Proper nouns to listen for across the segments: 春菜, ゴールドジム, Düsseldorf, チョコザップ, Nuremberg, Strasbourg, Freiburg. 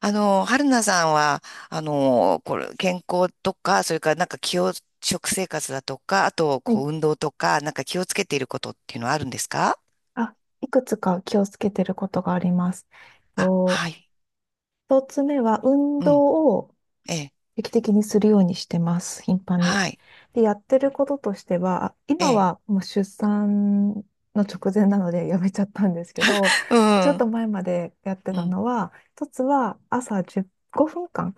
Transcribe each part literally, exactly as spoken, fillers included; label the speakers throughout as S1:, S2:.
S1: あの、春菜さんは、あの、これ、健康とか、それからなんか気を、食生活だとか、あと、
S2: は
S1: こ
S2: い。
S1: う、運動とか、なんか気をつけていることっていうのはあるんですか？
S2: あ、いくつか気をつけてることがあります。
S1: あ、
S2: と、
S1: はい。
S2: 一つ目は運
S1: うん。
S2: 動を
S1: ええ。
S2: 定期的にするようにしてます。頻繁に。
S1: はい。
S2: で、やってることとしては、あ
S1: え
S2: 今
S1: え。
S2: はもう出産の直前なので やめちゃったんですけど、
S1: う
S2: ちょっ
S1: ん。
S2: と前までやって
S1: う
S2: た
S1: ん。
S2: のは、一つは朝じゅう、ごふんかん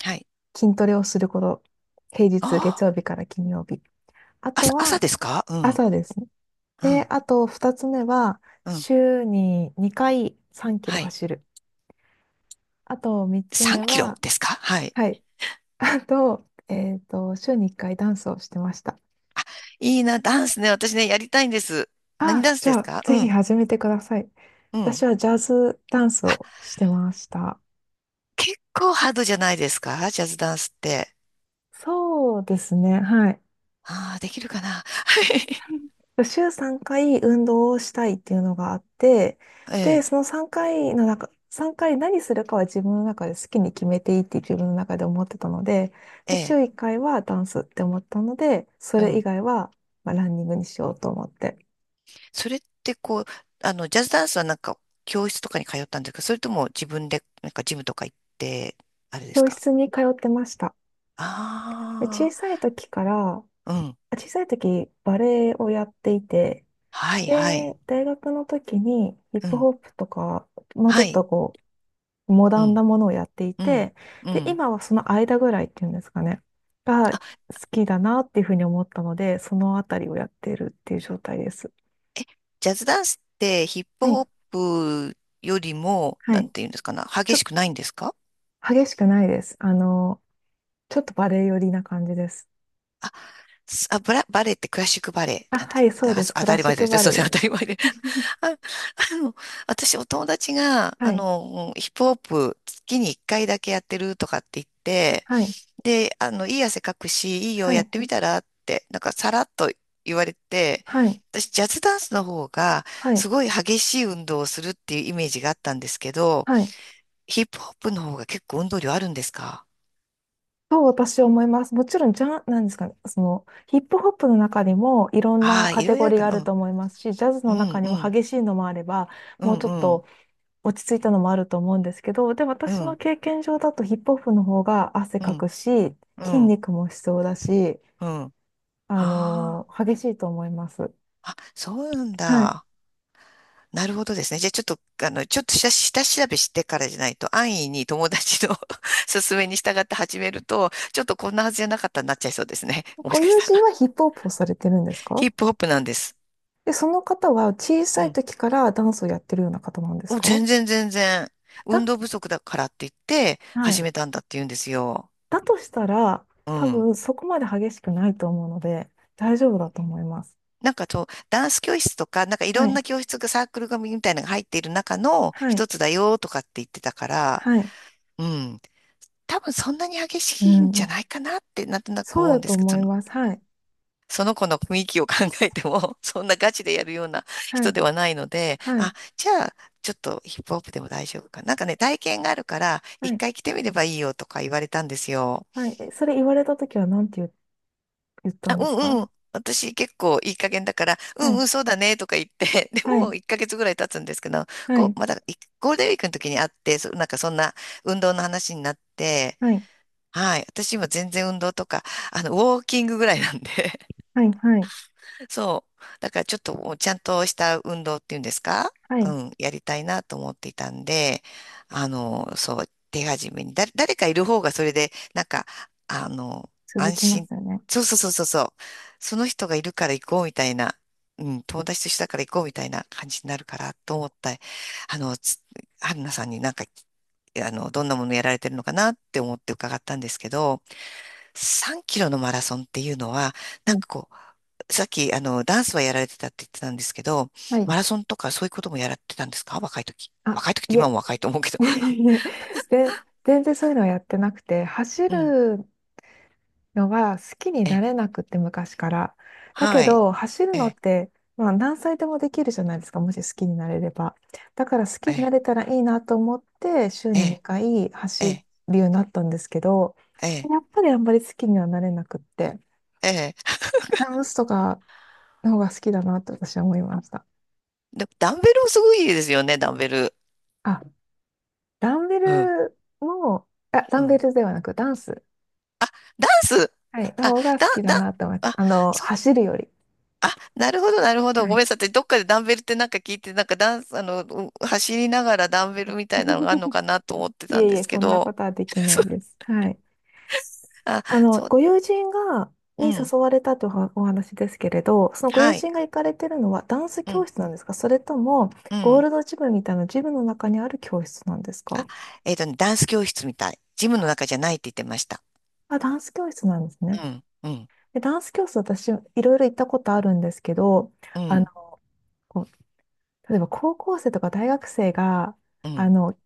S1: はい。
S2: 筋トレをすること。平日、月
S1: あ
S2: 曜日から金曜日。あ
S1: あ、
S2: と
S1: 朝、朝
S2: は
S1: ですか？うん。
S2: 朝ですね。
S1: う
S2: で、
S1: ん。
S2: あとふたつめは、
S1: うん。
S2: 週ににかいさんキロ
S1: はい。
S2: 走る。あと3つ
S1: 3
S2: 目
S1: キロ
S2: は、
S1: ですか？はい。
S2: はい。あと、えっと、週にいっかいダンスをしてました。
S1: いいな、ダンスね。私ね、やりたいんです。何
S2: あ、
S1: ダンス
S2: じ
S1: で
S2: ゃ
S1: す
S2: あ、
S1: か？
S2: ぜ
S1: う
S2: ひ
S1: ん。
S2: 始めてください。
S1: う
S2: 私
S1: ん。
S2: はジャズダンス
S1: あ、
S2: をしてました。
S1: 結構ハードじゃないですか、ジャズダンスって。
S2: そうですね。はい。
S1: ああ、できるかな。はい。
S2: 週さんかい運動をしたいっていうのがあって、
S1: え
S2: で、
S1: え、
S2: そのさんかいの中、さんかい何するかは自分の中で好きに決めていいって自分の中で思ってたので、
S1: え
S2: で、週
S1: え、
S2: いっかいはダンスって思ったので、そ
S1: う
S2: れ以
S1: ん。
S2: 外は、まあ、ランニングにしようと思って、
S1: それってこう、あの、ジャズダンスはなんか教室とかに通ったんですか？それとも自分でなんかジムとか行って、あれです
S2: 教
S1: か？
S2: 室に通ってました。で小
S1: あ、
S2: さい時から、
S1: あー、うん。
S2: あ小さい時バレエをやっていて、
S1: はい、は
S2: で、
S1: い。
S2: 大学の時にヒッ
S1: う
S2: プ
S1: ん。
S2: ホップとか、もうち
S1: は
S2: ょっ
S1: い。
S2: とこモ
S1: う
S2: ダン
S1: ん、
S2: なものをやってい
S1: うん、
S2: て、
S1: う
S2: で、
S1: ん。
S2: 今はその間ぐらいっていうんですかね、が好
S1: あ、
S2: きだなっていうふうに思ったので、そのあたりをやってるっていう状態です。
S1: え、ジャズダンスってヒップ
S2: はい。
S1: ホップよりも、
S2: は
S1: なん
S2: い。
S1: ていうんですかな、
S2: ちょ
S1: 激
S2: っ
S1: し
S2: と
S1: くないんですか？
S2: 激しくないです。あの、ちょっとバレエ寄りな感じです。
S1: あ、すあ、ブラ、バレエってクラシックバレエ
S2: あ、
S1: なんで
S2: は
S1: す。
S2: い、そう
S1: あ、
S2: で
S1: そ
S2: す。
S1: 当
S2: クラ
S1: たり
S2: シッ
S1: 前で
S2: ク
S1: すね。
S2: バレ
S1: そ
S2: エ
S1: うです
S2: で
S1: ね。
S2: す。
S1: 当たり前で。あ、あの、私、お友達が、
S2: は
S1: あ
S2: い。
S1: の、ヒップホップ月にいっかいだけやってるとかって言っ て、
S2: はい。
S1: で、あの、いい汗かくし、いいよ、
S2: は
S1: やっ
S2: い。
S1: てみたらって、なんかさらっと言われて、
S2: はい。
S1: 私、ジャズダンスの方が、
S2: は
S1: す
S2: い。
S1: ごい激しい運動をするっていうイメージがあったんですけど、
S2: はい。
S1: ヒップホップの方が結構運動量あるんですか？
S2: と私は思います。もちろん、じゃ、なんですかね、その、ヒップホップの中にもいろん
S1: あ
S2: な
S1: あ、
S2: カ
S1: い
S2: テ
S1: ろいろ
S2: ゴ
S1: ある
S2: リー
S1: か
S2: がある
S1: な。
S2: と思いますし、ジャズ
S1: う
S2: の
S1: ん、
S2: 中に
S1: う
S2: も
S1: ん、
S2: 激しいのもあれば、
S1: う
S2: もう
S1: ん、
S2: ちょっ
S1: うん、
S2: と落ち着いたのもあると思うんですけど、で、
S1: う
S2: 私の
S1: ん、
S2: 経験上だとヒップホップの方が汗
S1: う
S2: か
S1: ん、
S2: くし、
S1: う
S2: 筋
S1: ん、
S2: 肉も必要だし、
S1: うん。
S2: あの
S1: あ
S2: 激しいと思います。
S1: あ、あ、そうなん
S2: はい。
S1: だ。なるほどですね。じゃあちょっと、あの、ちょっと下、下調べしてからじゃないと、安易に友達の 勧めに従って始めると、ちょっとこんなはずじゃなかったになっちゃいそうですね。も
S2: ご
S1: しかし
S2: 友
S1: た
S2: 人
S1: ら。
S2: はヒップホップをされてるんです
S1: ヒ
S2: か？
S1: ップホップなんです。
S2: で、その方は小
S1: う
S2: さい
S1: ん。
S2: 時からダンスをやってるような方なんです
S1: お、
S2: か？
S1: 全然全然。
S2: だっ、
S1: 運動不足だからって言って、
S2: は
S1: 始
S2: い。
S1: めたんだって言うんですよ。
S2: だとしたら、
S1: う
S2: 多
S1: ん。
S2: 分そこまで激しくないと思うので、大丈夫だと思います。
S1: なんかそう、ダンス教室とか、なんかい
S2: は
S1: ろん
S2: い。
S1: な教室がサークル組みたいなのが入っている中の
S2: はい。
S1: 一つだよとかって言ってたから、
S2: はい。
S1: うん。多分そんなに激
S2: う
S1: しいんじゃ
S2: ん。
S1: ないかなってなんとなく
S2: そう
S1: 思う
S2: だ
S1: んで
S2: と
S1: すけど、
S2: 思
S1: そ
S2: い
S1: の、
S2: ます。はい。
S1: その子の雰囲気を考えても、そんなガチでやるような
S2: は
S1: 人
S2: い。
S1: ではないので、
S2: はい。
S1: あ、じゃあ、ちょっとヒップホップでも大丈夫かな。なんかね、体験があるから、
S2: は
S1: 一
S2: い。
S1: 回来てみればいいよとか言われたんですよ。
S2: はい。えそれ言われたときは何て言う、言った
S1: あ、
S2: ん
S1: う
S2: です
S1: ん
S2: か？
S1: うん。私結構いい加減だから、う
S2: は
S1: んう
S2: い。
S1: ん、そうだねとか言って、で
S2: はい。
S1: もいっかげつぐらい経つんですけど、
S2: は
S1: こ
S2: い。
S1: う、まだいゴールデンウィークの時に会って、そなんかそんな運動の話になって、
S2: はい。
S1: はい。私今全然運動とか、あの、ウォーキングぐらいなんで、
S2: はい。はい。
S1: そう。だからちょっともうちゃんとした運動っていうんですか？
S2: は
S1: う
S2: い。
S1: ん、やりたいなと思っていたんで、あの、そう、手始めに、だ、誰かいる方がそれで、なんか、あの、
S2: 続
S1: 安
S2: きま
S1: 心、
S2: すよね。
S1: そうそうそうそうそう、その人がいるから行こうみたいな、うん、友達と一緒だから行こうみたいな感じになるからと思った、あの、つ春菜さんになんか、あの、どんなものやられてるのかなって思って伺ったんですけど、さんキロのマラソンっていうのは、なん
S2: うん。
S1: かこう、さっき、あの、ダンスはやられてたって言ってたんですけど、
S2: はい。
S1: マラソンとかそういうこともやられてたんですか？若い時。
S2: あ、
S1: 若い時って
S2: い
S1: 今
S2: え。
S1: も若いと思うけど。
S2: いえで、全然そういうのはやってなくて、走
S1: うん。
S2: るのは好きにな
S1: え、
S2: れなくって昔から。だけ
S1: はい。
S2: ど走るのっ
S1: え、
S2: て、まあ、何歳でもできるじゃないですか、もし好きになれれば。だから好きに
S1: え、
S2: なれたらいいなと思って週に
S1: え、
S2: にかい走
S1: え、
S2: るようになったんですけど
S1: え、え、
S2: やっぱりあんまり好きにはなれなくって
S1: え。
S2: ダンスとかの方が好きだなと私は思いました。
S1: でも、ダンベルもすごいいですよね、ダンベル。
S2: あ、ダンベ
S1: うん、
S2: ルも、あ、ダ
S1: う
S2: ンベ
S1: ん。
S2: ルではなくダンス、
S1: ダンス、
S2: はい、の
S1: あ、
S2: 方が好
S1: だ、
S2: きだ
S1: だ、
S2: なと思います。
S1: あ、
S2: あの走るより。
S1: あ、なるほど、なるほど。
S2: は
S1: ご
S2: い
S1: めんなさい。私どっかでダンベルってなんか聞いて、なんかダンス、あの、う走りながらダンベルみたいなのがあるの かなと思って
S2: い
S1: たん
S2: えい
S1: で
S2: え、
S1: すけ
S2: そんな
S1: ど。
S2: ことはで きな
S1: そ
S2: い
S1: う。
S2: です。はい。
S1: あ、
S2: あの、
S1: そ
S2: ご
S1: う、
S2: 友人が、
S1: う
S2: に
S1: ん。
S2: 誘われたというおお話ですけれど、そのご友
S1: はい。
S2: 人が行かれてるのはダンス
S1: う
S2: 教
S1: ん、
S2: 室なんですか、それとも、
S1: う
S2: ゴー
S1: ん。
S2: ルドジムみたいなジムの中にある教室なんです
S1: あ、
S2: か？
S1: えっとね、ダンス教室みたい。ジムの中じゃないって言ってました。
S2: あ、ダンス教室なんです
S1: う
S2: ね。
S1: ん、うん、
S2: で、ダンス教室私、いろいろ行ったことあるんですけど、
S1: う
S2: あの、
S1: ん、
S2: こう例えば高校生とか大学生が、
S1: う
S2: あ
S1: ん、
S2: の、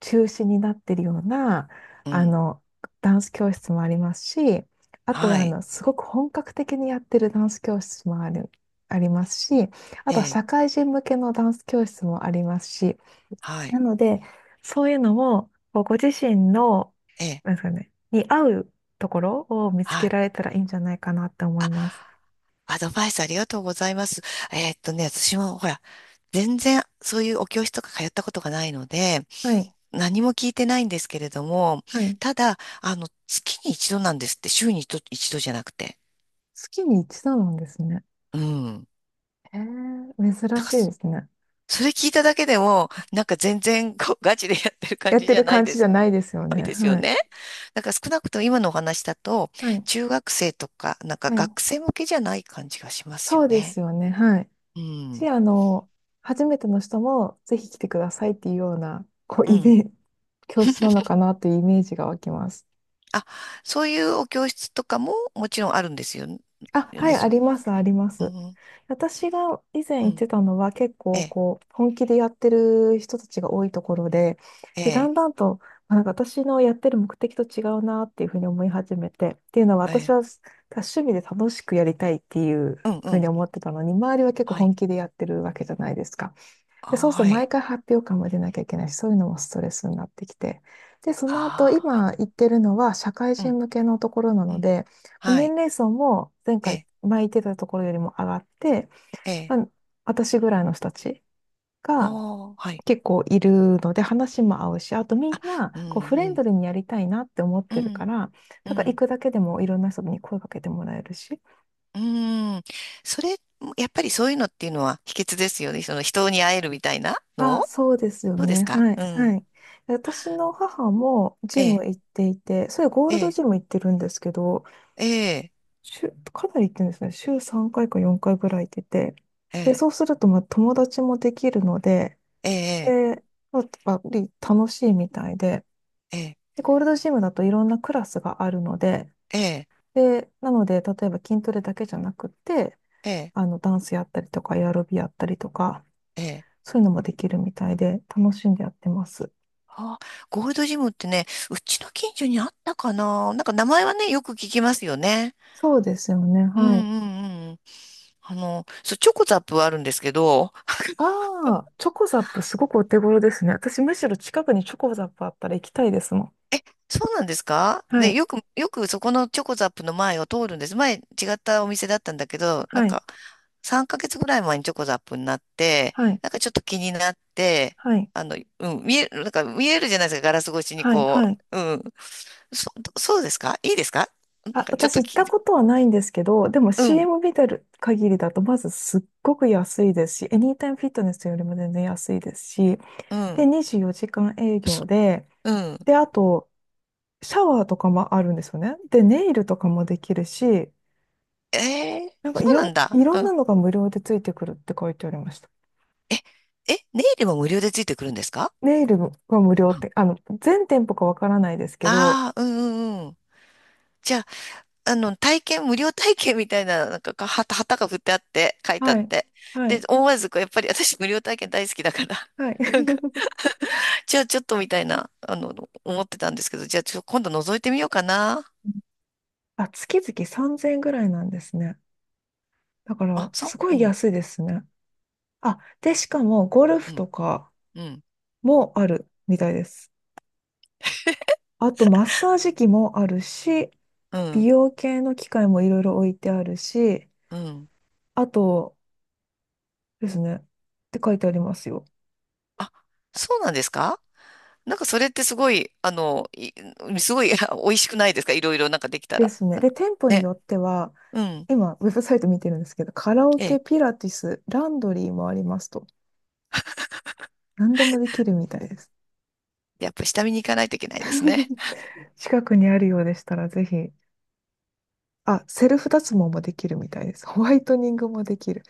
S2: 中止になってるような、
S1: う
S2: あ
S1: ん。
S2: の、ダンス教室もありますし、あとは、
S1: は
S2: あ
S1: い。
S2: の、すごく本格的にやってるダンス教室もある、ありますし、あ
S1: え
S2: とは
S1: え、
S2: 社会人向けのダンス教室もありますし、
S1: は
S2: な
S1: い。
S2: ので、そういうのも、こうご自身の、
S1: ええ、
S2: なんですかね、に合うところを見つ
S1: は
S2: け
S1: い。
S2: られたらいいんじゃないかなって思います。
S1: アドバイスありがとうございます。えーっとね、私もほら、全然そういうお教室とか通ったことがないので、
S2: はい。
S1: 何も聞いてないんですけれども、
S2: はい。
S1: ただ、あの、月に一度なんですって、週に一度、一度じゃなくて。
S2: 月に一度なんですね。
S1: うん。
S2: へえ、
S1: だ
S2: 珍
S1: か
S2: し
S1: ら
S2: いで
S1: そ、
S2: すね。
S1: それ聞いただけでも、なんか全然こうガチでやってる感
S2: やっ
S1: じ
S2: て
S1: じゃ
S2: る
S1: ない
S2: 感
S1: で
S2: じじゃ
S1: す。
S2: ないですよ
S1: ない
S2: ね。
S1: ですよ
S2: はい。
S1: ね。だから少なくとも今のお話だと、
S2: はい。
S1: 中学生とか、なんか
S2: はい。
S1: 学生向けじゃない感じがしますよ
S2: そうで
S1: ね。
S2: すよね。はい。
S1: う
S2: し、
S1: ん。
S2: あの、初めての人もぜひ来てくださいっていうような、こう、
S1: う
S2: イ
S1: ん。
S2: メージ、教室なのかなっていうイメージが湧きます。
S1: あ、そういうお教室とかももちろんあるんですよ、
S2: あ、
S1: よ
S2: はい、
S1: ね、
S2: あ
S1: その、
S2: ります、ありま
S1: う
S2: す。
S1: ん、
S2: 私が以前
S1: う
S2: 行っ
S1: ん、
S2: てたのは結
S1: え
S2: 構
S1: え、
S2: こう本気でやってる人たちが多いところで、
S1: え
S2: で、だ
S1: え、
S2: んだんとあなんか私のやってる目的と違うなっていうふうに思い始めて、っていうのは
S1: は
S2: 私
S1: い、
S2: は趣味で楽しくやりたいっていう
S1: うん、う
S2: ふう
S1: ん、
S2: に思ってたのに、周りは結構
S1: は
S2: 本
S1: い、
S2: 気でやってるわけじゃないですか。
S1: あ、
S2: で、そうすると
S1: は
S2: 毎
S1: い、
S2: 回発表会も出なきゃいけないし、そういうのもストレスになってきて。で、その後、
S1: あ、はい、
S2: 今言ってるのは社会
S1: う
S2: 人
S1: ん、
S2: 向けのところな
S1: う
S2: の
S1: ん、
S2: で、
S1: は
S2: 年
S1: い、
S2: 齢層も前
S1: え
S2: 回、
S1: え、
S2: 前言ってたところよりも上がって、
S1: ええ、
S2: まあ私ぐらいの人たちが
S1: おー、はい、
S2: 結構いるので、話も合うし、あとみんな
S1: うん、
S2: こうフ
S1: う
S2: レン
S1: ん、
S2: ドリーにやりたいなって思っ
S1: う
S2: てるか
S1: ん、
S2: ら、
S1: う
S2: だから行
S1: ん、
S2: くだけでもいろんな人に声かけてもらえるし、
S1: うん、それ、やっぱりそういうのっていうのは秘訣ですよね、その人に会えるみたいな
S2: あ、
S1: の。
S2: そうですよ
S1: どうで
S2: ね。
S1: すか？
S2: はい、
S1: う
S2: は
S1: ん、
S2: い。私の母も
S1: え
S2: ジ
S1: え、
S2: ム行っていて、それゴー
S1: え
S2: ルド
S1: え、
S2: ジム行ってるんですけど、
S1: ええ、
S2: 週、かなり行ってるんですね。週さんかいかよんかいぐらい行ってて。
S1: え
S2: で、
S1: え、
S2: そうすると、まあ、友達もできるので、
S1: ええ、
S2: で、まあ、やっぱり楽しいみたいで、
S1: ええ、
S2: で、ゴールドジムだといろんなクラスがあるので、
S1: ええ、
S2: で、なので、例えば筋トレだけじゃなくって、
S1: ええ、
S2: あの、ダンスやったりとか、エアロビやったりとか、
S1: ええ。
S2: そういうのもできるみたいで、楽しんでやってます。
S1: あ、ゴールドジムってね、うちの近所にあったかな。なんか名前はね、よく聞きますよね。
S2: そうですよね。
S1: うん
S2: はい。
S1: うんうん。あの、そう、チョコザップはあるんですけど、
S2: ああ、チョコザップすごくお手頃ですね。私むしろ近くにチョコザップあったら行きたいですもん。
S1: そうなんですか？
S2: は
S1: で、
S2: い。
S1: よく、よくそこのチョコザップの前を通るんです。前違ったお店だったんだけど、なん
S2: はい。
S1: かさんかげつぐらい前にチョコザップになって、
S2: はい。
S1: なんかちょっと気になって、
S2: はい。
S1: あの、うん、見える、なんか見えるじゃないですか、ガラス越しに
S2: はい。
S1: こ
S2: はい。
S1: う。うん。そ、そうですか？いいですか？なん
S2: あ、
S1: かちょっ
S2: 私
S1: と
S2: 行っ
S1: き、
S2: たことはないんですけど、でも
S1: うん、
S2: シーエム 見てる限りだと、まずすっごく安いですし、エニータイムフィットネスよりも全然安いですし、
S1: う
S2: で、
S1: ん。
S2: にじゅうよじかん営業で、
S1: うん。
S2: で、あと、シャワーとかもあるんですよね。で、ネイルとかもできるし、
S1: ええ、
S2: なんか
S1: そ
S2: い
S1: う
S2: ろ
S1: なんだ。
S2: ん、いろ
S1: う
S2: んな
S1: ん。
S2: のが無料でついてくるって書いてありました。
S1: え、え、ネイルも無料でついてくるんですか？
S2: ネイルが無料っ
S1: あ、
S2: て、あの、全店舗かわからないですけど、
S1: あー、うんうんうん。じゃあ、あの、体験、無料体験みたいな、なんか、か、旗、旗が振ってあって、書いてあっ
S2: はい。
S1: て。
S2: は
S1: で、
S2: い。
S1: 思わず、こうやっぱり私、無料体験大好きだから、
S2: はい。
S1: なんか、じゃあ、ちょっとみたいな、あの、思ってたんですけど、じゃあ、ちょ、今度覗いてみようかな。
S2: あ、月々さんぜんえんぐらいなんですね。だか
S1: あ、
S2: ら、
S1: そ
S2: すご
S1: うう
S2: い
S1: ん、
S2: 安いですね。あ、で、しかも、ゴル
S1: う
S2: フと
S1: ん、
S2: か
S1: うん、
S2: もあるみたいです。あと、マッサージ機もあるし、
S1: う
S2: 美
S1: ん、
S2: 容系の機械もいろいろ置いてあるし、
S1: うん。
S2: あとですね、って書いてありますよ。
S1: あ、そうなんですか？なんかそれってすごい、あの、いすごい 美味しくないですか？いろいろなんかできた
S2: で
S1: ら。
S2: すね。で、店舗に
S1: ね。
S2: よっては、
S1: うん。
S2: 今、ウェブサイト見てるんですけど、カラオ
S1: ええ。
S2: ケ、ピラティス、ランドリーもありますと。何でもできるみたいです。
S1: やっぱ下見に行かないといけないですね。
S2: 近くにあるようでしたら、ぜひ。あ、セルフ脱毛もできるみたいです。ホワイトニングもできる。